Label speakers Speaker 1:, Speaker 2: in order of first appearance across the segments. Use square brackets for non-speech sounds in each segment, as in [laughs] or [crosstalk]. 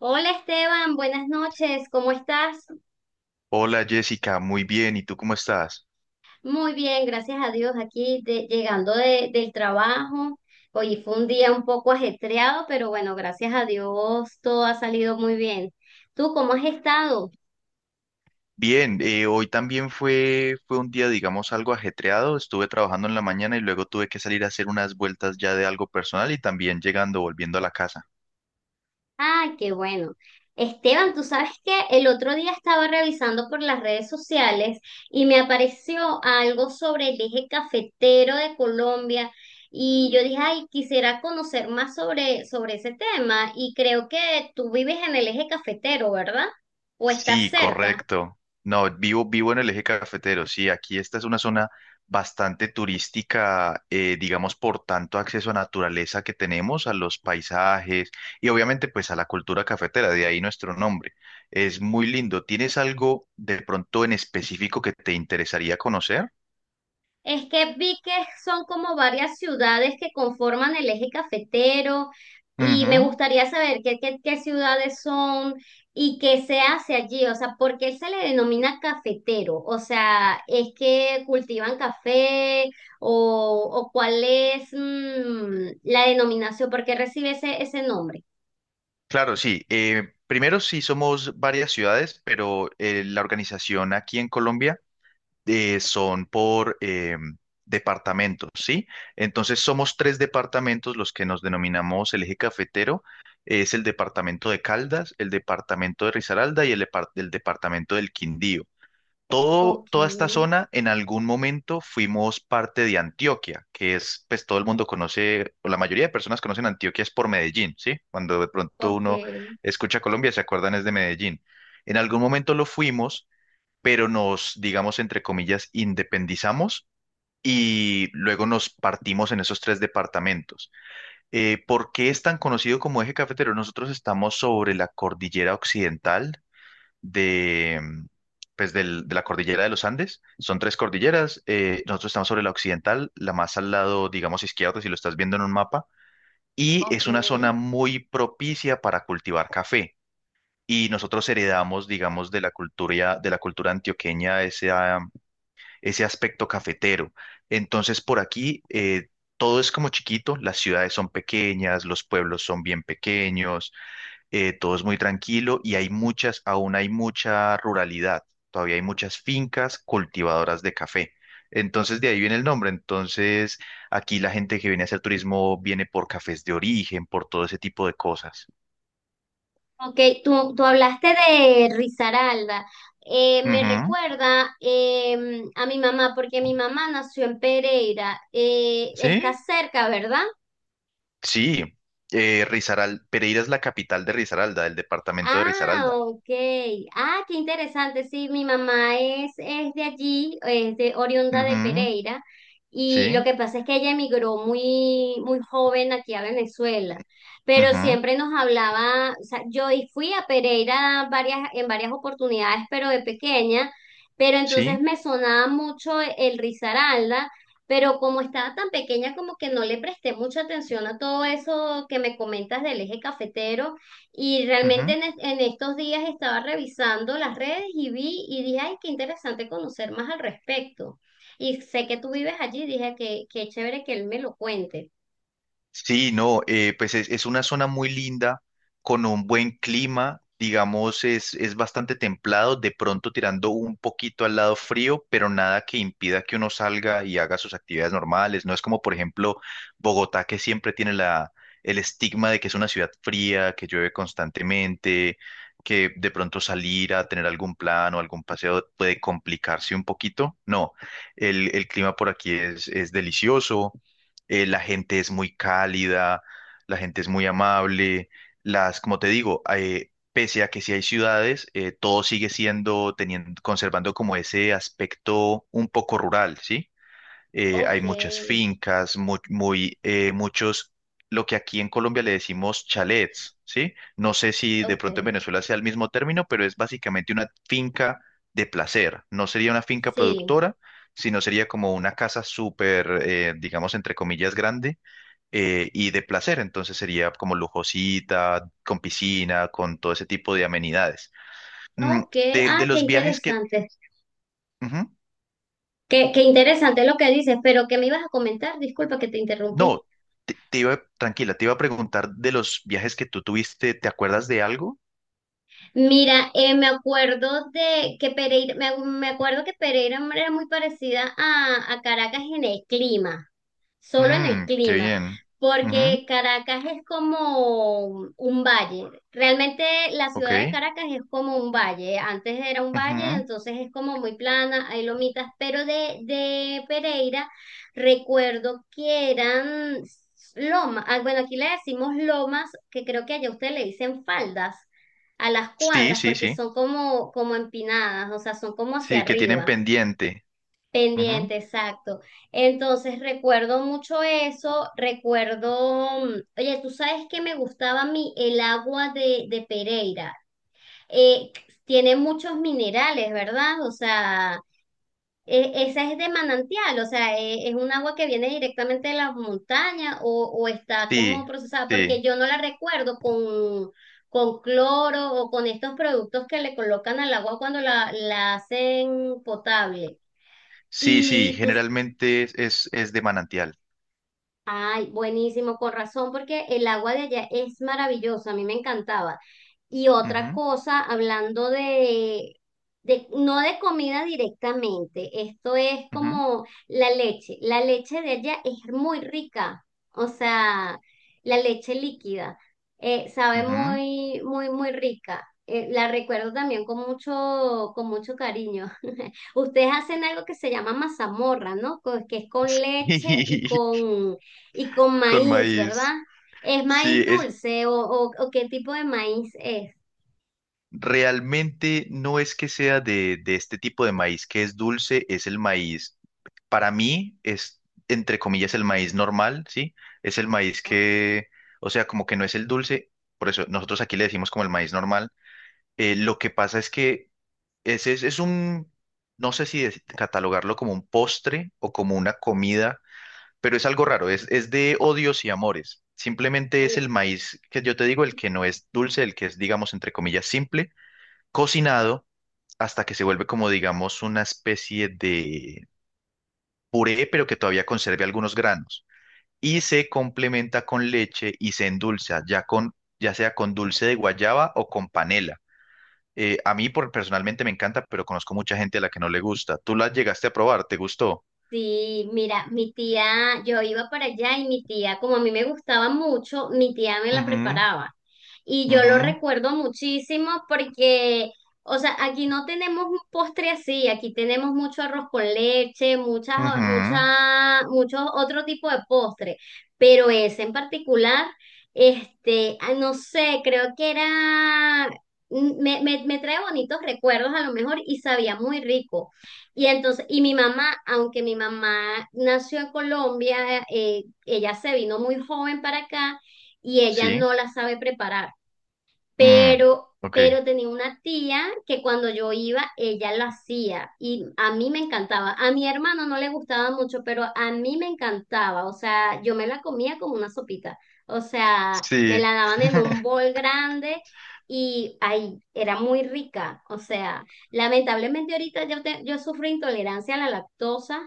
Speaker 1: Hola Esteban, buenas noches, ¿cómo estás?
Speaker 2: Hola Jessica, muy bien. ¿Y tú cómo estás?
Speaker 1: Muy bien, gracias a Dios, aquí llegando del trabajo. Hoy fue un día un poco ajetreado, pero bueno, gracias a Dios todo ha salido muy bien. ¿Tú cómo has estado?
Speaker 2: Bien, hoy también fue un día, digamos, algo ajetreado. Estuve trabajando en la mañana y luego tuve que salir a hacer unas vueltas ya de algo personal y también llegando, volviendo a la casa.
Speaker 1: Ay, qué bueno. Esteban, tú sabes que el otro día estaba revisando por las redes sociales y me apareció algo sobre el eje cafetero de Colombia y yo dije, ay, quisiera conocer más sobre ese tema y creo que tú vives en el eje cafetero, ¿verdad? ¿O estás
Speaker 2: Sí,
Speaker 1: cerca?
Speaker 2: correcto. No, vivo en el eje cafetero. Sí, aquí esta es una zona bastante turística, digamos, por tanto acceso a naturaleza que tenemos, a los paisajes y obviamente pues a la cultura cafetera, de ahí nuestro nombre. Es muy lindo. ¿Tienes algo de pronto en específico que te interesaría conocer?
Speaker 1: Es que vi que son como varias ciudades que conforman el eje cafetero y me
Speaker 2: Ujú.
Speaker 1: gustaría saber qué ciudades son y qué se hace allí, o sea, ¿por qué se le denomina cafetero? O sea, ¿es que cultivan café o, cuál es la denominación? ¿Por qué recibe ese nombre?
Speaker 2: Claro, sí. Primero sí somos varias ciudades, pero la organización aquí en Colombia son por departamentos, ¿sí? Entonces somos tres departamentos los que nos denominamos el eje cafetero. Es el departamento de Caldas, el departamento de Risaralda y el departamento del Quindío. Todo,
Speaker 1: Ok,
Speaker 2: toda esta zona en algún momento fuimos parte de Antioquia, que es, pues todo el mundo conoce, o la mayoría de personas conocen Antioquia es por Medellín, ¿sí? Cuando de pronto
Speaker 1: ok,
Speaker 2: uno escucha Colombia, se acuerdan es de Medellín. En algún momento lo fuimos, pero nos, digamos, entre comillas, independizamos y luego nos partimos en esos tres departamentos. ¿por qué es tan conocido como eje cafetero? Nosotros estamos sobre la cordillera occidental de, mm, pues del- de la cordillera de los Andes. Son tres cordilleras. Nosotros estamos sobre la occidental, la más al lado, digamos, izquierdo, si lo estás viendo en un mapa. Y
Speaker 1: ok.
Speaker 2: es una zona muy propicia para cultivar café. Y nosotros heredamos, digamos, de la cultura antioqueña ese aspecto cafetero. Entonces, por aquí todo es como chiquito, las ciudades son pequeñas, los pueblos son bien pequeños, todo es muy tranquilo y hay aún hay mucha ruralidad, todavía hay muchas fincas cultivadoras de café. Entonces, de ahí viene el nombre. Entonces, aquí la gente que viene a hacer turismo viene por cafés de origen, por todo ese tipo de cosas.
Speaker 1: Ok, tú hablaste de Risaralda. Me
Speaker 2: Ujú.
Speaker 1: recuerda a mi mamá, porque mi mamá nació en Pereira. Está
Speaker 2: ¿Sí?
Speaker 1: cerca, ¿verdad?
Speaker 2: Sí. Pereira es la capital de Risaralda, del departamento de
Speaker 1: Ah,
Speaker 2: Risaralda.
Speaker 1: ok. Ah, qué interesante. Sí, mi mamá es de allí, es de oriunda de
Speaker 2: Ujú.
Speaker 1: Pereira. Y lo
Speaker 2: Sí,
Speaker 1: que pasa es que ella emigró muy joven aquí a Venezuela. Pero
Speaker 2: ujú,
Speaker 1: siempre nos hablaba, o sea, yo y fui a Pereira en varias oportunidades, pero de pequeña. Pero entonces
Speaker 2: sí,
Speaker 1: me sonaba mucho el Risaralda. Pero como estaba tan pequeña, como que no le presté mucha atención a todo eso que me comentas del eje cafetero. Y realmente
Speaker 2: ujú.
Speaker 1: en estos días estaba revisando las redes y vi y dije, ay, qué interesante conocer más al respecto. Y sé que tú vives allí, dije que qué chévere que él me lo cuente.
Speaker 2: Sí, no, pues es una zona muy linda, con un buen clima, digamos, es bastante templado, de pronto tirando un poquito al lado frío, pero nada que impida que uno salga y haga sus actividades normales. No es como, por ejemplo, Bogotá, que siempre tiene el estigma de que es una ciudad fría, que llueve constantemente, que de pronto salir a tener algún plan o algún paseo puede complicarse un poquito. No, el clima por aquí es delicioso. La gente es muy cálida, la gente es muy amable, las, como te digo, pese a que sí hay ciudades, todo sigue siendo, teniendo, conservando como ese aspecto un poco rural, ¿sí? Hay
Speaker 1: Ok,
Speaker 2: muchas fincas, muy, muchos, lo que aquí en Colombia le decimos chalets, ¿sí? No sé si de pronto en
Speaker 1: ok,
Speaker 2: Venezuela sea el mismo término, pero es básicamente una finca de placer. No sería una finca
Speaker 1: sí.
Speaker 2: productora, sino sería como una casa súper, digamos, entre comillas, grande, y de placer. Entonces sería como lujosita, con piscina, con todo ese tipo de amenidades. Mm,
Speaker 1: Ok,
Speaker 2: de,
Speaker 1: ah,
Speaker 2: de
Speaker 1: qué
Speaker 2: los viajes que...
Speaker 1: interesante.
Speaker 2: Ujú.
Speaker 1: Qué interesante lo que dices, pero ¿qué me ibas a comentar? Disculpa que te
Speaker 2: No,
Speaker 1: interrumpí.
Speaker 2: te iba, tranquila, te iba a preguntar de los viajes que tú tuviste, ¿te acuerdas de algo?
Speaker 1: Mira, me acuerdo de que Pereira, me acuerdo que Pereira era muy parecida a Caracas en el clima. Solo en el
Speaker 2: Mm, qué
Speaker 1: clima,
Speaker 2: bien. Ujú,
Speaker 1: porque Caracas es como un valle. Realmente la ciudad de
Speaker 2: ok.
Speaker 1: Caracas es como un valle. Antes era un valle,
Speaker 2: Ujú.
Speaker 1: entonces es como muy plana, hay lomitas, pero de Pereira recuerdo que eran lomas. Ah, bueno, aquí le decimos lomas, que creo que allá ustedes le dicen faldas a las
Speaker 2: Sí,
Speaker 1: cuadras
Speaker 2: sí,
Speaker 1: porque
Speaker 2: sí.
Speaker 1: son como empinadas, o sea, son como hacia
Speaker 2: Sí, que tienen
Speaker 1: arriba.
Speaker 2: pendiente. Ujú.
Speaker 1: Pendiente, exacto. Entonces recuerdo mucho eso, recuerdo, oye, tú sabes que me gustaba a mí el agua de Pereira. Eh, tiene muchos minerales, ¿verdad? O sea, esa es de manantial, o sea, un agua que viene directamente de las montañas o, está como
Speaker 2: Sí,
Speaker 1: procesada, porque
Speaker 2: sí.
Speaker 1: yo no la recuerdo con cloro o con estos productos que le colocan al agua cuando la hacen potable.
Speaker 2: Sí, sí,
Speaker 1: Y tú,
Speaker 2: generalmente es de manantial.
Speaker 1: ay, buenísimo, con razón, porque el agua de allá es maravillosa, a mí me encantaba. Y otra
Speaker 2: Ujú,
Speaker 1: cosa, hablando no de comida directamente, esto es
Speaker 2: ujú,
Speaker 1: como la leche. La leche de allá es muy rica, o sea, la leche líquida, sabe
Speaker 2: ujú.
Speaker 1: muy rica. La recuerdo también con con mucho cariño. [laughs] Ustedes hacen algo que se llama mazamorra, ¿no? Que es con leche y
Speaker 2: [laughs]
Speaker 1: con
Speaker 2: Con
Speaker 1: maíz, ¿verdad?
Speaker 2: maíz.
Speaker 1: ¿Es
Speaker 2: Sí,
Speaker 1: maíz
Speaker 2: es
Speaker 1: dulce o qué tipo de maíz es?
Speaker 2: realmente no es que sea de este tipo de maíz que es dulce, es el maíz. Para mí es, entre comillas, el maíz normal, ¿sí? Es el maíz que, o sea, como que no es el dulce, por eso nosotros aquí le decimos como el maíz normal. Lo que pasa es que ese es un, no sé si catalogarlo como un postre o como una comida, pero es algo raro, es de odios y amores. Simplemente es
Speaker 1: Ay,
Speaker 2: el maíz que yo te digo, el que no es dulce, el que es, digamos, entre comillas, simple, cocinado hasta que se vuelve como, digamos, una especie de puré, pero que todavía conserve algunos granos. Y se complementa con leche y se endulza, ya sea con dulce de guayaba o con panela. A mí personalmente me encanta, pero conozco mucha gente a la que no le gusta. ¿Tú la llegaste a probar? ¿Te gustó?
Speaker 1: sí, mira, mi tía, yo iba para allá y mi tía, como a mí me gustaba mucho, mi tía me la
Speaker 2: Ujú,
Speaker 1: preparaba. Y yo lo
Speaker 2: ujú,
Speaker 1: recuerdo muchísimo porque, o sea, aquí no tenemos un postre así, aquí tenemos mucho arroz con leche,
Speaker 2: ujú,
Speaker 1: muchos otro tipo de postre, pero ese en particular, este, ah, no sé, creo que era, me trae bonitos recuerdos a lo mejor y sabía muy rico. Y entonces, y mi mamá, aunque mi mamá nació en Colombia, ella se vino muy joven para acá y ella
Speaker 2: sí.
Speaker 1: no la sabe preparar
Speaker 2: Mm, ok.
Speaker 1: pero tenía una tía que cuando yo iba, ella lo hacía y a mí me encantaba. A mi hermano no le gustaba mucho, pero a mí me encantaba. O sea, yo me la comía como una sopita. O sea, me
Speaker 2: Sí.
Speaker 1: la daban en un bol grande y ahí era muy rica. O sea, lamentablemente ahorita yo sufro intolerancia a la lactosa.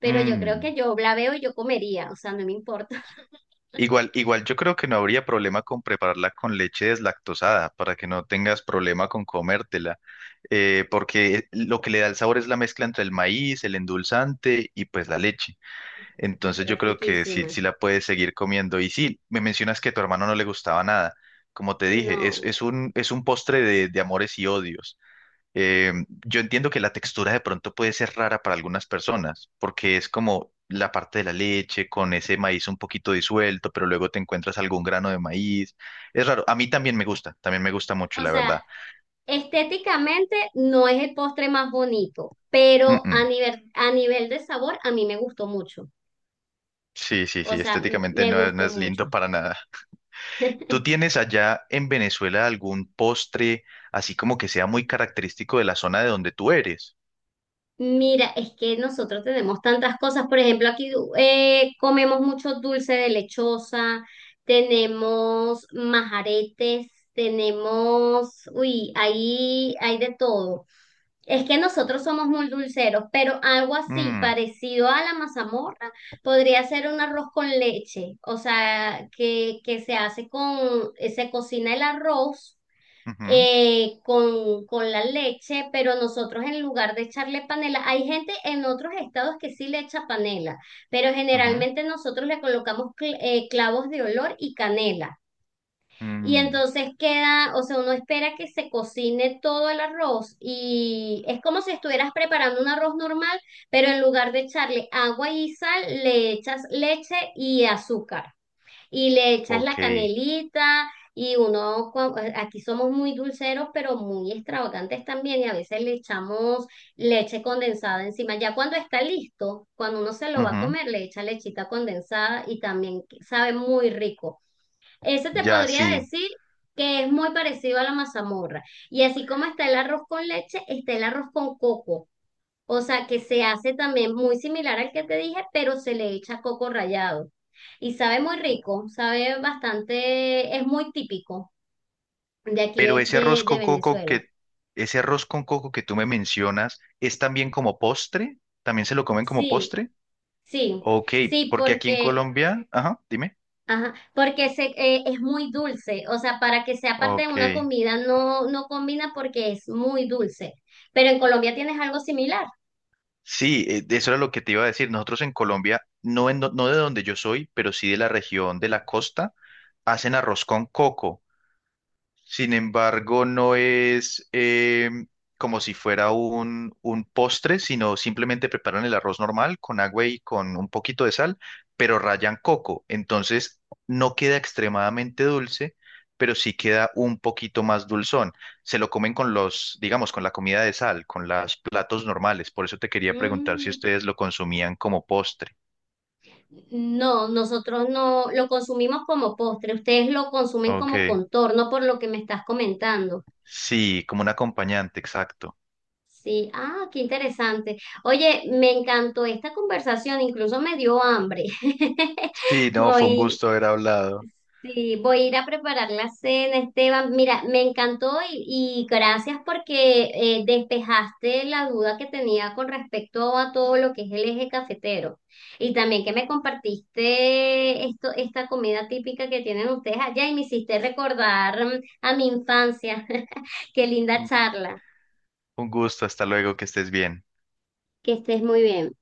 Speaker 1: Pero yo creo que
Speaker 2: Mm.
Speaker 1: yo la veo y yo comería, o sea, no me importa,
Speaker 2: Igual, igual yo creo que no habría problema con prepararla con leche deslactosada para que no tengas problema con comértela, porque lo que le da el sabor es la mezcla entre el maíz, el endulzante y pues la leche.
Speaker 1: [laughs]
Speaker 2: Entonces
Speaker 1: pero
Speaker 2: yo
Speaker 1: es
Speaker 2: creo que sí,
Speaker 1: riquísima.
Speaker 2: sí la puedes seguir comiendo. Y sí, me mencionas que a tu hermano no le gustaba nada. Como te dije,
Speaker 1: No,
Speaker 2: es un postre de amores y odios. Eh, yo entiendo que la textura de pronto puede ser rara para algunas personas, porque es como la parte de la leche con ese maíz un poquito disuelto, pero luego te encuentras algún grano de maíz. Es raro. A mí también me gusta mucho,
Speaker 1: o
Speaker 2: la
Speaker 1: sea,
Speaker 2: verdad.
Speaker 1: estéticamente no es el postre más bonito, pero
Speaker 2: Mm-mm.
Speaker 1: a nivel de sabor a mí me gustó mucho.
Speaker 2: Sí, sí,
Speaker 1: O
Speaker 2: sí,
Speaker 1: sea,
Speaker 2: estéticamente
Speaker 1: me
Speaker 2: no, no
Speaker 1: gustó
Speaker 2: es
Speaker 1: mucho.
Speaker 2: lindo para nada. ¿Tú
Speaker 1: [laughs]
Speaker 2: tienes allá en Venezuela algún postre así como que sea muy característico de la zona de donde tú eres?
Speaker 1: Mira, es que nosotros tenemos tantas cosas. Por ejemplo, aquí comemos mucho dulce de lechosa, tenemos majaretes, tenemos, uy, ahí hay de todo. Es que nosotros somos muy dulceros, pero algo así
Speaker 2: Mm,
Speaker 1: parecido a la mazamorra podría ser un arroz con leche, o sea, que se hace con, se cocina el arroz
Speaker 2: ujú,
Speaker 1: con la leche, pero nosotros en lugar de echarle panela, hay gente en otros estados que sí le echa panela, pero
Speaker 2: ujú,
Speaker 1: generalmente nosotros le colocamos clavos de olor y canela. Y
Speaker 2: mm,
Speaker 1: entonces queda, o sea, uno espera que se cocine todo el arroz y es como si estuvieras preparando un arroz normal, pero en lugar de echarle agua y sal, le echas leche y azúcar y le echas la
Speaker 2: ok.
Speaker 1: canelita y uno, aquí somos muy dulceros, pero muy extravagantes también y a veces le echamos leche condensada encima. Ya cuando está listo, cuando uno se lo va a
Speaker 2: Ujú.
Speaker 1: comer, le echa lechita condensada y también sabe muy rico. Ese te
Speaker 2: Ya,
Speaker 1: podría
Speaker 2: sí.
Speaker 1: decir que es muy parecido a la mazamorra. Y así como está el arroz con leche, está el arroz con coco. O sea, que se hace también muy similar al que te dije, pero se le echa coco rallado. Y sabe muy rico, sabe bastante, es muy típico de aquí
Speaker 2: Pero
Speaker 1: de Venezuela.
Speaker 2: ese arroz con coco que tú me mencionas, ¿es también como postre? ¿También se lo comen como
Speaker 1: Sí,
Speaker 2: postre?
Speaker 1: sí,
Speaker 2: Ok,
Speaker 1: sí,
Speaker 2: porque aquí en
Speaker 1: porque
Speaker 2: Colombia, ajá, dime.
Speaker 1: ajá, porque es muy dulce, o sea, para que sea parte de
Speaker 2: Ok.
Speaker 1: una comida no, no combina porque es muy dulce. Pero en Colombia tienes algo similar.
Speaker 2: Sí, de eso era lo que te iba a decir. Nosotros en Colombia, no, no de donde yo soy, pero sí de la región de la costa, hacen arroz con coco. Sin embargo, no es como si fuera un postre, sino simplemente preparan el arroz normal con agua y con un poquito de sal, pero rayan coco. Entonces, no queda extremadamente dulce, pero sí queda un poquito más dulzón. Se lo comen con los, digamos, con la comida de sal, con los platos normales. Por eso te quería preguntar si
Speaker 1: Mm,
Speaker 2: ustedes lo consumían como postre.
Speaker 1: no, nosotros no lo consumimos como postre, ustedes lo consumen como
Speaker 2: Ok.
Speaker 1: contorno por lo que me estás comentando.
Speaker 2: Sí, como un acompañante, exacto.
Speaker 1: Sí, ah, qué interesante. Oye, me encantó esta conversación, incluso me dio hambre. [laughs]
Speaker 2: Sí, no, fue un
Speaker 1: Voy,
Speaker 2: gusto haber hablado.
Speaker 1: sí, voy a ir a preparar la cena, Esteban. Mira, me encantó y gracias porque despejaste la duda que tenía con respecto a todo lo que es el eje cafetero. Y también que me compartiste esto, esta comida típica que tienen ustedes allá y me hiciste recordar a mi infancia. [laughs] Qué linda charla.
Speaker 2: Un gusto, hasta luego, que estés bien.
Speaker 1: Que estés muy bien.